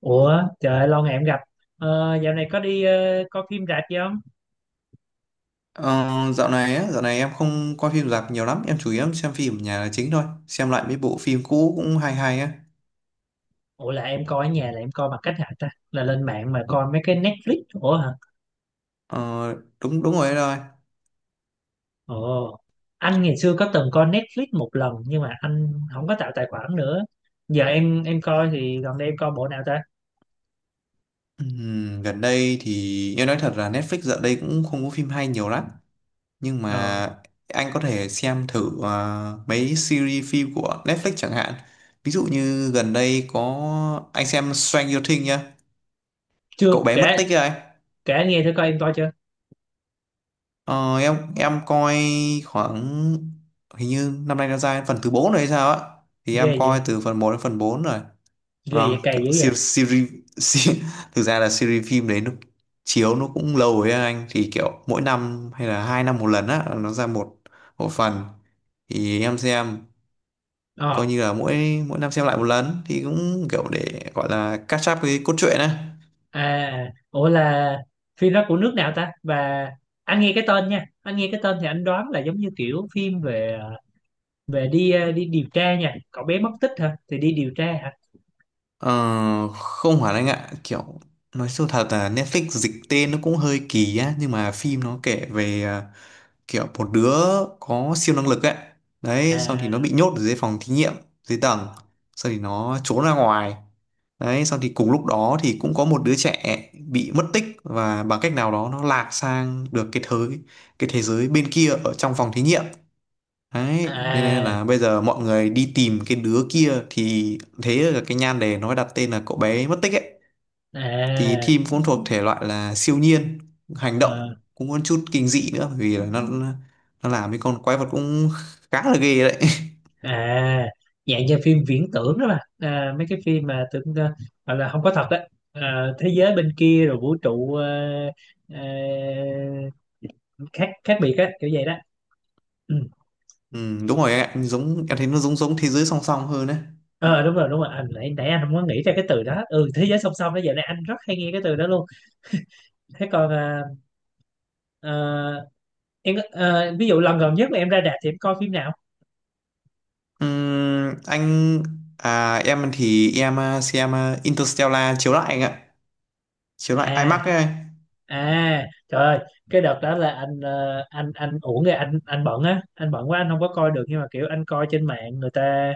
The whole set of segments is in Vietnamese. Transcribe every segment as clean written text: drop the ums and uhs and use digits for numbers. Ủa trời ơi, lâu ngày em gặp. ờ, Dạo này có đi coi phim rạp gì không? Ờ, dạo này em không coi phim rạp nhiều lắm, em chủ yếu xem phim ở nhà là chính thôi, xem lại mấy bộ phim cũ cũng hay hay á. Ủa là em coi ở nhà là em coi bằng cách hả ta? Là lên mạng mà coi mấy cái Netflix ủa hả? Ờ, đúng đúng rồi đấy rồi. Ồ, anh ngày xưa có từng coi Netflix một lần nhưng mà anh không có tạo tài khoản nữa. Giờ em coi thì gần đây em coi bộ nào ta? Gần đây thì em nói thật là Netflix dạo đây cũng không có phim hay nhiều lắm, nhưng Ờ, mà anh có thể xem thử mấy series phim của Netflix chẳng hạn. Ví dụ như gần đây có anh xem Stranger Things nhá, chưa cậu bé mất kể, tích ấy. kể anh nghe thử coi, em coi chưa? Ờ, em coi khoảng hình như năm nay nó ra đến phần thứ 4 rồi hay sao á, thì em Ghê vậy. coi từ phần một đến phần 4 rồi. Ghê Vâng, vậy, cày kiểu dữ vậy. series, series, series thực ra là series phim đấy, nó chiếu nó cũng lâu rồi á anh, thì kiểu mỗi năm hay là 2 năm một lần á nó ra một một phần, thì em xem coi Ờ, như là mỗi mỗi năm xem lại một lần thì cũng kiểu để gọi là catch up cái cốt truyện á. à ủa là phim đó của nước nào ta? Và anh nghe cái tên, nha anh nghe cái tên thì anh đoán là giống như kiểu phim về về đi điều tra, nha cậu bé mất tích hả, thì đi điều tra hả? Ờ, không hẳn anh ạ, kiểu nói sâu thật là Netflix dịch tên nó cũng hơi kỳ á, nhưng mà phim nó kể về kiểu một đứa có siêu năng lực ấy. Đấy, xong thì nó À, bị nhốt ở dưới phòng thí nghiệm, dưới tầng, xong thì nó trốn ra ngoài. Đấy, xong thì cùng lúc đó thì cũng có một đứa trẻ bị mất tích và bằng cách nào đó nó lạc sang được cái thế giới bên kia ở trong phòng thí nghiệm. Đấy, nên nên à, là bây giờ mọi người đi tìm cái đứa kia thì thế là cái nhan đề nó mới đặt tên là cậu bé mất tích ấy. Thì à, Thim cũng thuộc thể loại là siêu nhiên, hành ờ, động cũng có chút kinh dị nữa, bởi vì là nó làm cái con quái vật cũng khá là ghê đấy. à dạng như phim viễn tưởng đó mà, à mấy cái phim mà tưởng, gọi là không có thật đấy, à thế giới bên kia rồi vũ trụ, ờ, khác, biệt á kiểu vậy đó. Ừ. Ừ, đúng rồi em ạ, giống em thấy nó giống giống thế giới song song hơn đấy. Ờ đúng rồi, đúng rồi. Anh nãy nãy anh không có nghĩ ra cái từ đó. Ừ, thế giới song song đó, giờ này anh rất hay nghe cái từ đó luôn. Thế còn ờ, em có- ví dụ lần gần nhất mà em ra rạp thì em coi phim nào? Anh, em thì em xem Interstellar chiếu lại anh ạ. Chiếu lại IMAX À, ấy. à trời ơi, cái đợt đó là anh uổng rồi, anh bận á, anh bận quá, anh không có coi được. Nhưng mà kiểu anh coi trên mạng người ta,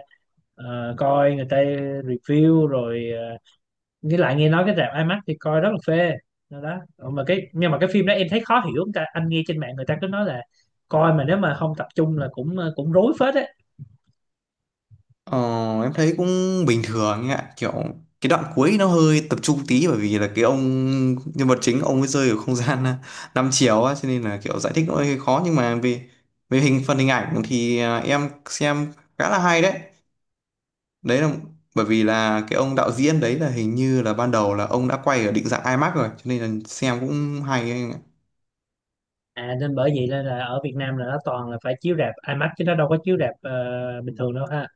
coi người ta review rồi. Ờ, với lại nghe nói cái rạp IMAX thì coi rất là phê đó, đó. Ờ, mà cái nhưng mà cái phim đó em thấy khó hiểu. Người ta, anh nghe trên mạng người ta cứ nói là coi mà nếu mà không tập trung là cũng cũng rối phết á. Ờ, em thấy cũng bình thường ấy ạ, kiểu cái đoạn cuối nó hơi tập trung tí, bởi vì là cái ông nhân vật chính ông ấy rơi ở không gian 5 chiều á, cho nên là kiểu giải thích nó hơi khó, nhưng mà về về hình phần hình ảnh thì em xem khá là hay đấy. Đấy là bởi vì là cái ông đạo diễn đấy là hình như là ban đầu là ông đã quay ở định dạng IMAX rồi, cho nên là xem cũng hay ấy anh ạ. À nên bởi vậy nên là ở Việt Nam là nó toàn là phải chiếu rạp IMAX chứ nó đâu có chiếu rạp bình thường đâu ha.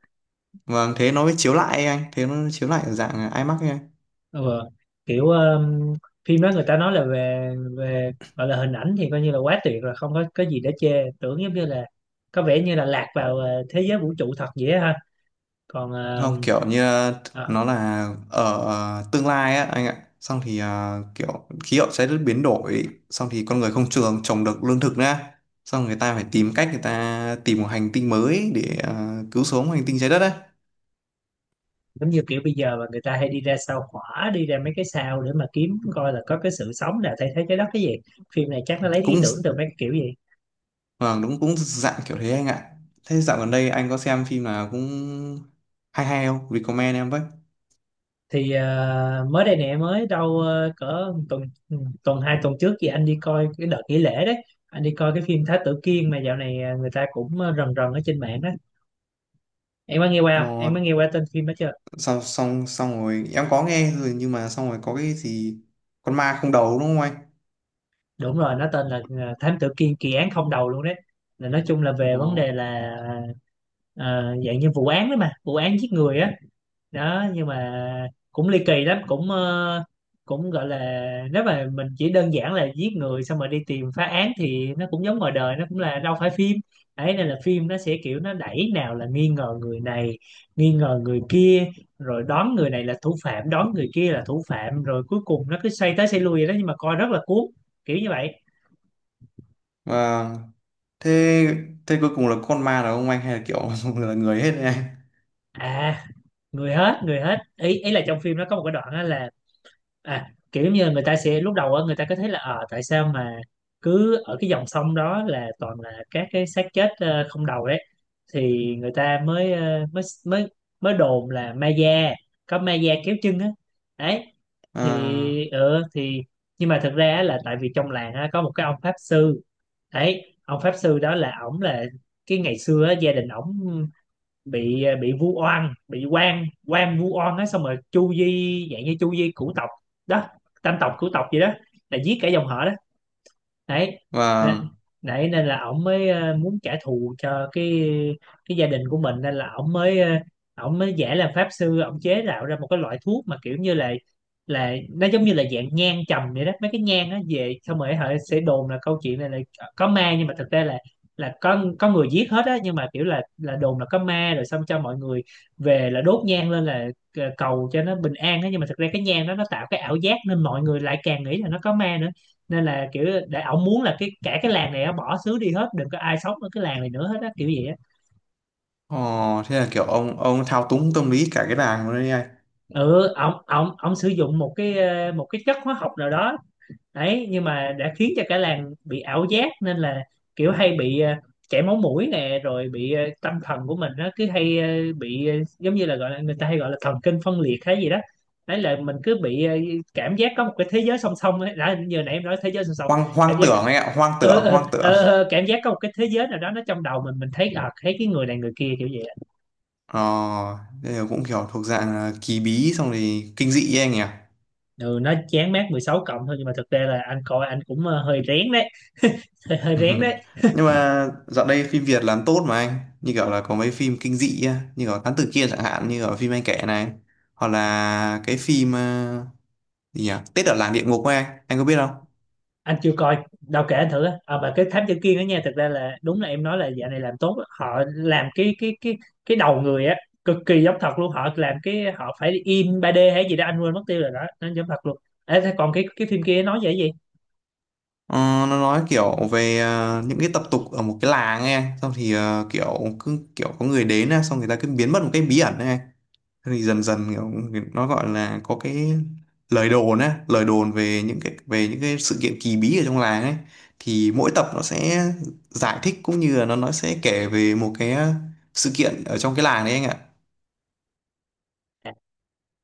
Vâng, thế nó mới chiếu lại ấy anh, thế nó chiếu lại ở dạng IMAX ấy anh. Ừ. Kiểu phim đó người ta nói là về, về gọi là hình ảnh thì coi như là quá tuyệt rồi, không có có gì để chê, tưởng giống như là có vẻ như là lạc vào thế giới vũ trụ thật vậy á ha. Còn Không, kiểu như ờ, nó là ở tương lai á anh ạ, xong thì kiểu khí hậu trái đất biến đổi, xong thì con người không trồng được lương thực nữa, xong người ta phải tìm cách, người ta tìm một hành tinh mới để cứu sống hành tinh trái đất á. giống như kiểu bây giờ mà người ta hay đi ra sao hỏa, đi ra mấy cái sao để mà kiếm coi là có cái sự sống nào thay thế trái đất cái gì. Phim này chắc nó lấy ý Cũng, tưởng từ mấy cái kiểu gì. vâng đúng, cũng dạng kiểu thế anh ạ. Thế dạo gần đây anh có xem phim nào cũng hay hay không, recommend em với? Thì mới đây nè, mới đâu cỡ tuần, hai tuần trước thì anh đi coi cái đợt nghỉ lễ đấy. Anh đi coi cái phim Thái Tử Kiên mà dạo này người ta cũng rần rần ở trên mạng á. Em có nghe qua không, Ờ, em có nghe qua tên phim đó chưa? xong xong xong rồi em có nghe rồi, nhưng mà xong rồi có cái gì con ma không đầu đúng không anh? Đúng rồi, nó tên là Thám Tử Kiên kỳ án không đầu luôn đấy. Là nói chung là về vấn Ồ. đề là ờ, dạng như vụ án đó mà, vụ án giết người á. Đó, nhưng mà cũng ly kỳ lắm, cũng gọi là, nếu mà mình chỉ đơn giản là giết người xong rồi đi tìm phá án thì nó cũng giống ngoài đời, nó cũng là đâu phải phim. Ấy nên là phim nó sẽ kiểu nó đẩy, nào là nghi ngờ người này, nghi ngờ người kia, rồi đoán người này là thủ phạm, đoán người kia là thủ phạm, rồi cuối cùng nó cứ xoay tới xoay lui vậy đó, nhưng mà coi rất là cuốn, kiểu như vậy. Vâng, thế thế cuối cùng là con ma là ông anh hay là kiểu là người hết đấy anh? À, người hết, người hết. Ý, ý là trong phim nó có một cái đoạn á là, à kiểu giống như người ta sẽ lúc đầu á, người ta có thấy là ờ tại sao mà cứ ở cái dòng sông đó là toàn là các cái xác chết không đầu đấy. Thì người ta mới mới đồn là ma da, có ma da kéo chân á. Đấy. À, Thì nhưng mà thực ra á là tại vì trong làng á, có một cái ông pháp sư. Đấy, ông pháp sư đó là ổng là cái ngày xưa á, gia đình ổng bị bị vu oan, bị quan quan vu oan á, xong rồi chu di, dạng như chu di cửu tộc đó, tam tộc cửu tộc gì đó, là giết cả dòng họ. Đấy nên, và đấy nên là ổng mới muốn trả thù cho cái gia đình của mình nên là ổng mới ổng mới giả làm pháp sư, ổng chế tạo ra một cái loại thuốc mà kiểu như là nó giống như là dạng nhang trầm vậy đó. Mấy cái nhang nó về xong rồi họ sẽ đồn là câu chuyện này là có ma nhưng mà thực ra là có người giết hết á. Nhưng mà kiểu là đồn là có ma rồi xong cho mọi người về là đốt nhang lên là cầu cho nó bình an á, nhưng mà thực ra cái nhang đó nó tạo cái ảo giác nên mọi người lại càng nghĩ là nó có ma nữa. Nên là kiểu để ổng muốn là cái cả cái làng này á, bỏ xứ đi hết, đừng có ai sống ở cái làng này nữa hết á kiểu gì á. ồ, thế là kiểu ông thao túng tâm lý cả cái làng luôn đấy anh? Ừ, ổng ổng ổng sử dụng một cái một cái chất hóa học nào đó. Đấy, nhưng mà đã khiến cho cả làng bị ảo giác nên là kiểu hay bị chảy máu mũi nè, rồi bị tâm thần của mình nó cứ hay bị giống như là gọi là người ta hay gọi là thần kinh phân liệt hay gì đó. Đấy là mình cứ bị cảm giác có một cái thế giới song song ấy, đã như hồi nãy em nói thế giới song song. hoang Cảm hoang giác tưởng anh ạ. Hoang tưởng, hoang tưởng. Cảm giác có một cái thế giới nào đó nó trong đầu mình thấy, à thấy cái người này người kia kiểu vậy á. ờ Thế là cũng kiểu thuộc dạng là kỳ bí xong thì kinh dị ấy anh nhỉ? Ừ, nó chán mát 16 cộng thôi, nhưng mà thực ra là anh coi anh cũng hơi rén đấy. Hơi rén đấy. Nhưng mà dạo đây phim Việt làm tốt mà anh, như kiểu là có mấy phim kinh dị á như kiểu Thám Tử Kiên chẳng hạn như ở phim anh kể này, hoặc là cái phim gì nhỉ, Tết ở làng địa ngục ấy anh có biết không? Anh chưa coi đâu, kể anh thử á. À, mà cái thám tử kia đó nha, thực ra là đúng là em nói là dạo này làm tốt á. Họ làm cái cái đầu người á cực kỳ giống thật luôn. Họ làm cái họ phải in ba d hay gì đó anh quên mất tiêu rồi đó, nó giống thật luôn. Ê, thế còn cái phim kia nói về cái gì? Ờ, nó nói kiểu về những cái tập tục ở một cái làng ấy anh. Xong thì cứ kiểu có người đến á, xong người ta cứ biến mất một cái bí ẩn ấy anh. Xong thì dần dần kiểu nó gọi là có cái lời đồn về những cái sự kiện kỳ bí ở trong làng ấy, thì mỗi tập nó sẽ giải thích cũng như là nó sẽ kể về một cái sự kiện ở trong cái làng đấy anh ạ. Dạ.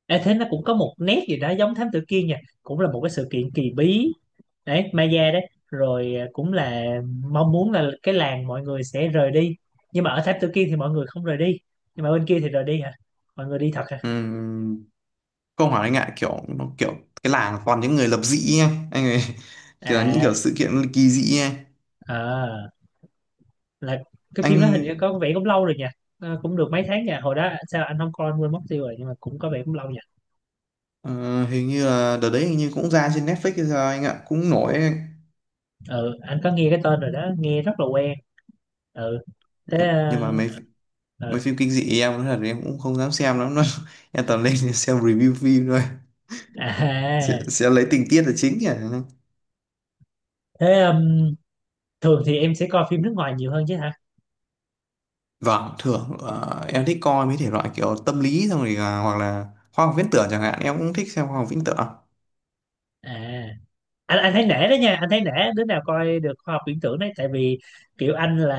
Ê, thế nó cũng có một nét gì đó giống thám tử kia nha, cũng là một cái sự kiện kỳ bí đấy Maya đấy, rồi à cũng là mong muốn là cái làng mọi người sẽ rời đi. Nhưng mà ở tháp Tự Kiên thì mọi người không rời đi, nhưng mà bên kia thì rời đi hả, mọi người đi thật hả? Ừm, không hỏi anh ạ, kiểu nó kiểu cái làng toàn những người lập dị ấy anh ấy kiểu là những À, kiểu sự kiện kỳ dị ấy à là cái phim đó hình như anh. có vẻ cũng lâu rồi nhỉ. Ờ, cũng được mấy tháng nha, hồi đó sao anh không coi, anh quên mất tiêu rồi, nhưng mà cũng có vẻ cũng lâu nha. Ờ, hình như là đợt đấy hình như cũng ra trên Netflix hay sao anh ạ, cũng nổi ấy. Ừ, anh có nghe cái tên rồi đó, nghe rất là quen. Ừ, thế nhưng, nhưng mà mấy mấy ờ, phim kinh dị em nói thật là em cũng không dám xem lắm đâu, em toàn lên xem review phim thôi, sẽ, à sẽ lấy tình tiết là chính nhỉ. thế thường thì em sẽ coi phim nước ngoài nhiều hơn chứ hả? Vâng, thường em thích coi mấy thể loại kiểu tâm lý xong rồi là, hoặc là khoa học viễn tưởng chẳng hạn, em cũng thích xem khoa học viễn tưởng. À, anh thấy nể đó nha, anh thấy nể đứa nào coi được khoa học viễn tưởng đấy. Tại vì kiểu anh là,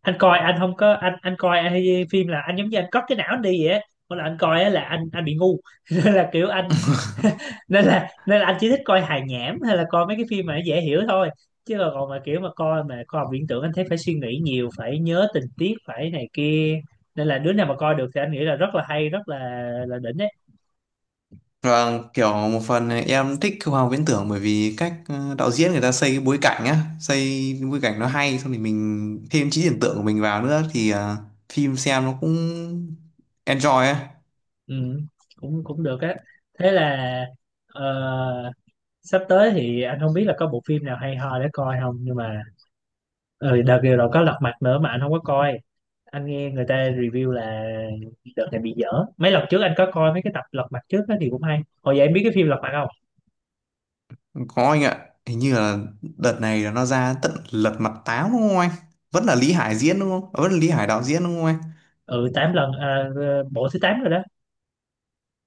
anh coi anh không có anh coi anh hay phim là anh giống như anh cất cái não anh đi vậy á. Mỗi lần anh coi á là anh bị ngu. nên là kiểu anh Nên là anh chỉ thích coi hài nhảm hay là coi mấy cái phim mà nó dễ hiểu thôi. Chứ còn còn mà kiểu mà coi mà khoa học viễn tưởng anh thấy phải suy nghĩ nhiều, phải nhớ tình tiết, phải này kia. Nên là đứa nào mà coi được thì anh nghĩ là rất là hay, rất là đỉnh đấy. Vâng, kiểu một phần em thích khoa học viễn tưởng bởi vì cách đạo diễn người ta xây cái bối cảnh nó hay, xong thì mình thêm trí tưởng tượng của mình vào nữa thì phim xem nó cũng enjoy á. Ừ, cũng cũng được á. Thế là ờ, sắp tới thì anh không biết là có bộ phim nào hay ho để coi không, nhưng mà ừ, đợt vừa rồi có Lật Mặt nữa mà anh không có coi. Anh nghe người ta review là đợt này bị dở. Mấy lần trước anh có coi mấy cái tập Lật Mặt trước đó thì cũng hay hồi vậy. Em biết cái phim Lật Mặt không? Có anh ạ, hình như là đợt này là nó ra tận Lật Mặt Tám đúng không anh? Vẫn là Lý Hải diễn đúng không? À, vẫn là Lý Hải đạo diễn đúng không anh? Ừ, tám lần à, bộ thứ tám rồi đó.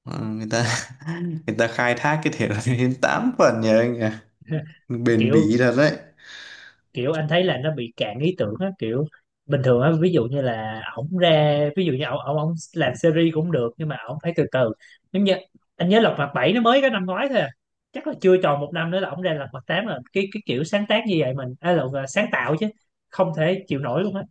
Ờ, người ta người ta khai thác cái thể loại đến 8 phần nhỉ anh nhỉ? Bền bỉ Kiểu thật đấy. kiểu anh thấy là nó bị cạn ý tưởng á. Kiểu bình thường á, ví dụ như là ổng ra, ví dụ như ổng ổng ổng làm series cũng được nhưng mà ổng phải từ từ. Giống như anh nhớ Lật Mặt bảy nó mới có năm ngoái thôi à. Chắc là chưa tròn một năm nữa là ổng ra Lật Mặt tám. Là cái kiểu sáng tác như vậy mình, à là sáng tạo chứ không thể chịu nổi luôn á.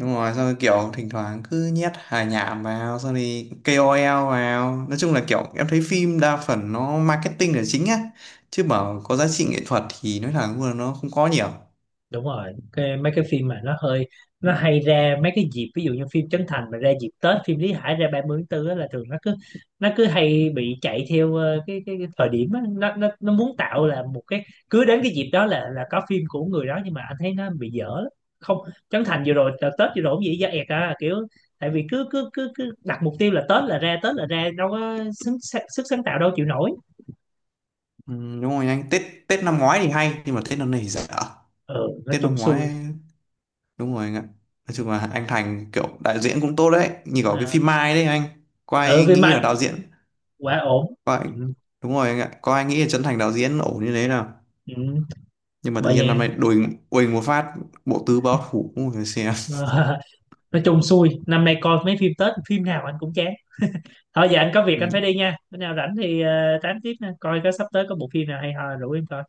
Đúng rồi, xong rồi kiểu thỉnh thoảng cứ nhét hài nhảm vào, xong thì KOL vào. Nói chung là kiểu em thấy phim đa phần nó marketing là chính á. Chứ bảo có giá trị nghệ thuật thì nói thẳng luôn là nó không có nhiều. Đúng rồi, cái mấy cái phim mà nó hơi, nó hay ra mấy cái dịp, ví dụ như phim Trấn Thành mà ra dịp Tết, phim Lý Hải ra 30 tháng 4 á, là thường nó cứ hay bị chạy theo cái cái thời điểm á, nó muốn tạo là một cái cứ đến cái dịp đó là có phim của người đó, nhưng mà anh thấy nó bị dở lắm. Không, Trấn Thành vừa rồi đợt Tết vừa rồi cũng vậy, da ẹt à kiểu. Tại vì cứ cứ cứ cứ đặt mục tiêu là Tết là ra, Tết là ra, đâu có sức sáng tạo đâu chịu nổi. Ừ, đúng rồi anh, Tết Tết năm ngoái thì hay, nhưng mà Tết năm nay thì dở. Ừ, nói Tết chung năm xui. ngoái, đúng rồi anh ạ. Nói chung là anh Thành kiểu đạo diễn cũng tốt đấy. Như có cái À, phim Mai đấy anh. Có ừ ai vì nghĩ là mà đạo diễn? quá ổn. Có ai. Ừ, Đúng rồi anh ạ. Có ai nghĩ là Trấn Thành đạo diễn ổn như thế nào? ừ. Nhưng mà tự Bởi nhiên năm vậy. nay đùng quỳnh một phát, bộ tứ báo thủ cũng phải xem. Ờ, nói chung xui năm nay coi mấy phim Tết phim nào anh cũng chán. Thôi giờ anh có việc Ừ. anh phải đi nha, bữa nào rảnh thì tám tiếp nha, coi có sắp tới có bộ phim nào hay ho rủ em coi.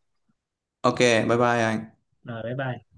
OK, bye bye anh. Rồi bye bye.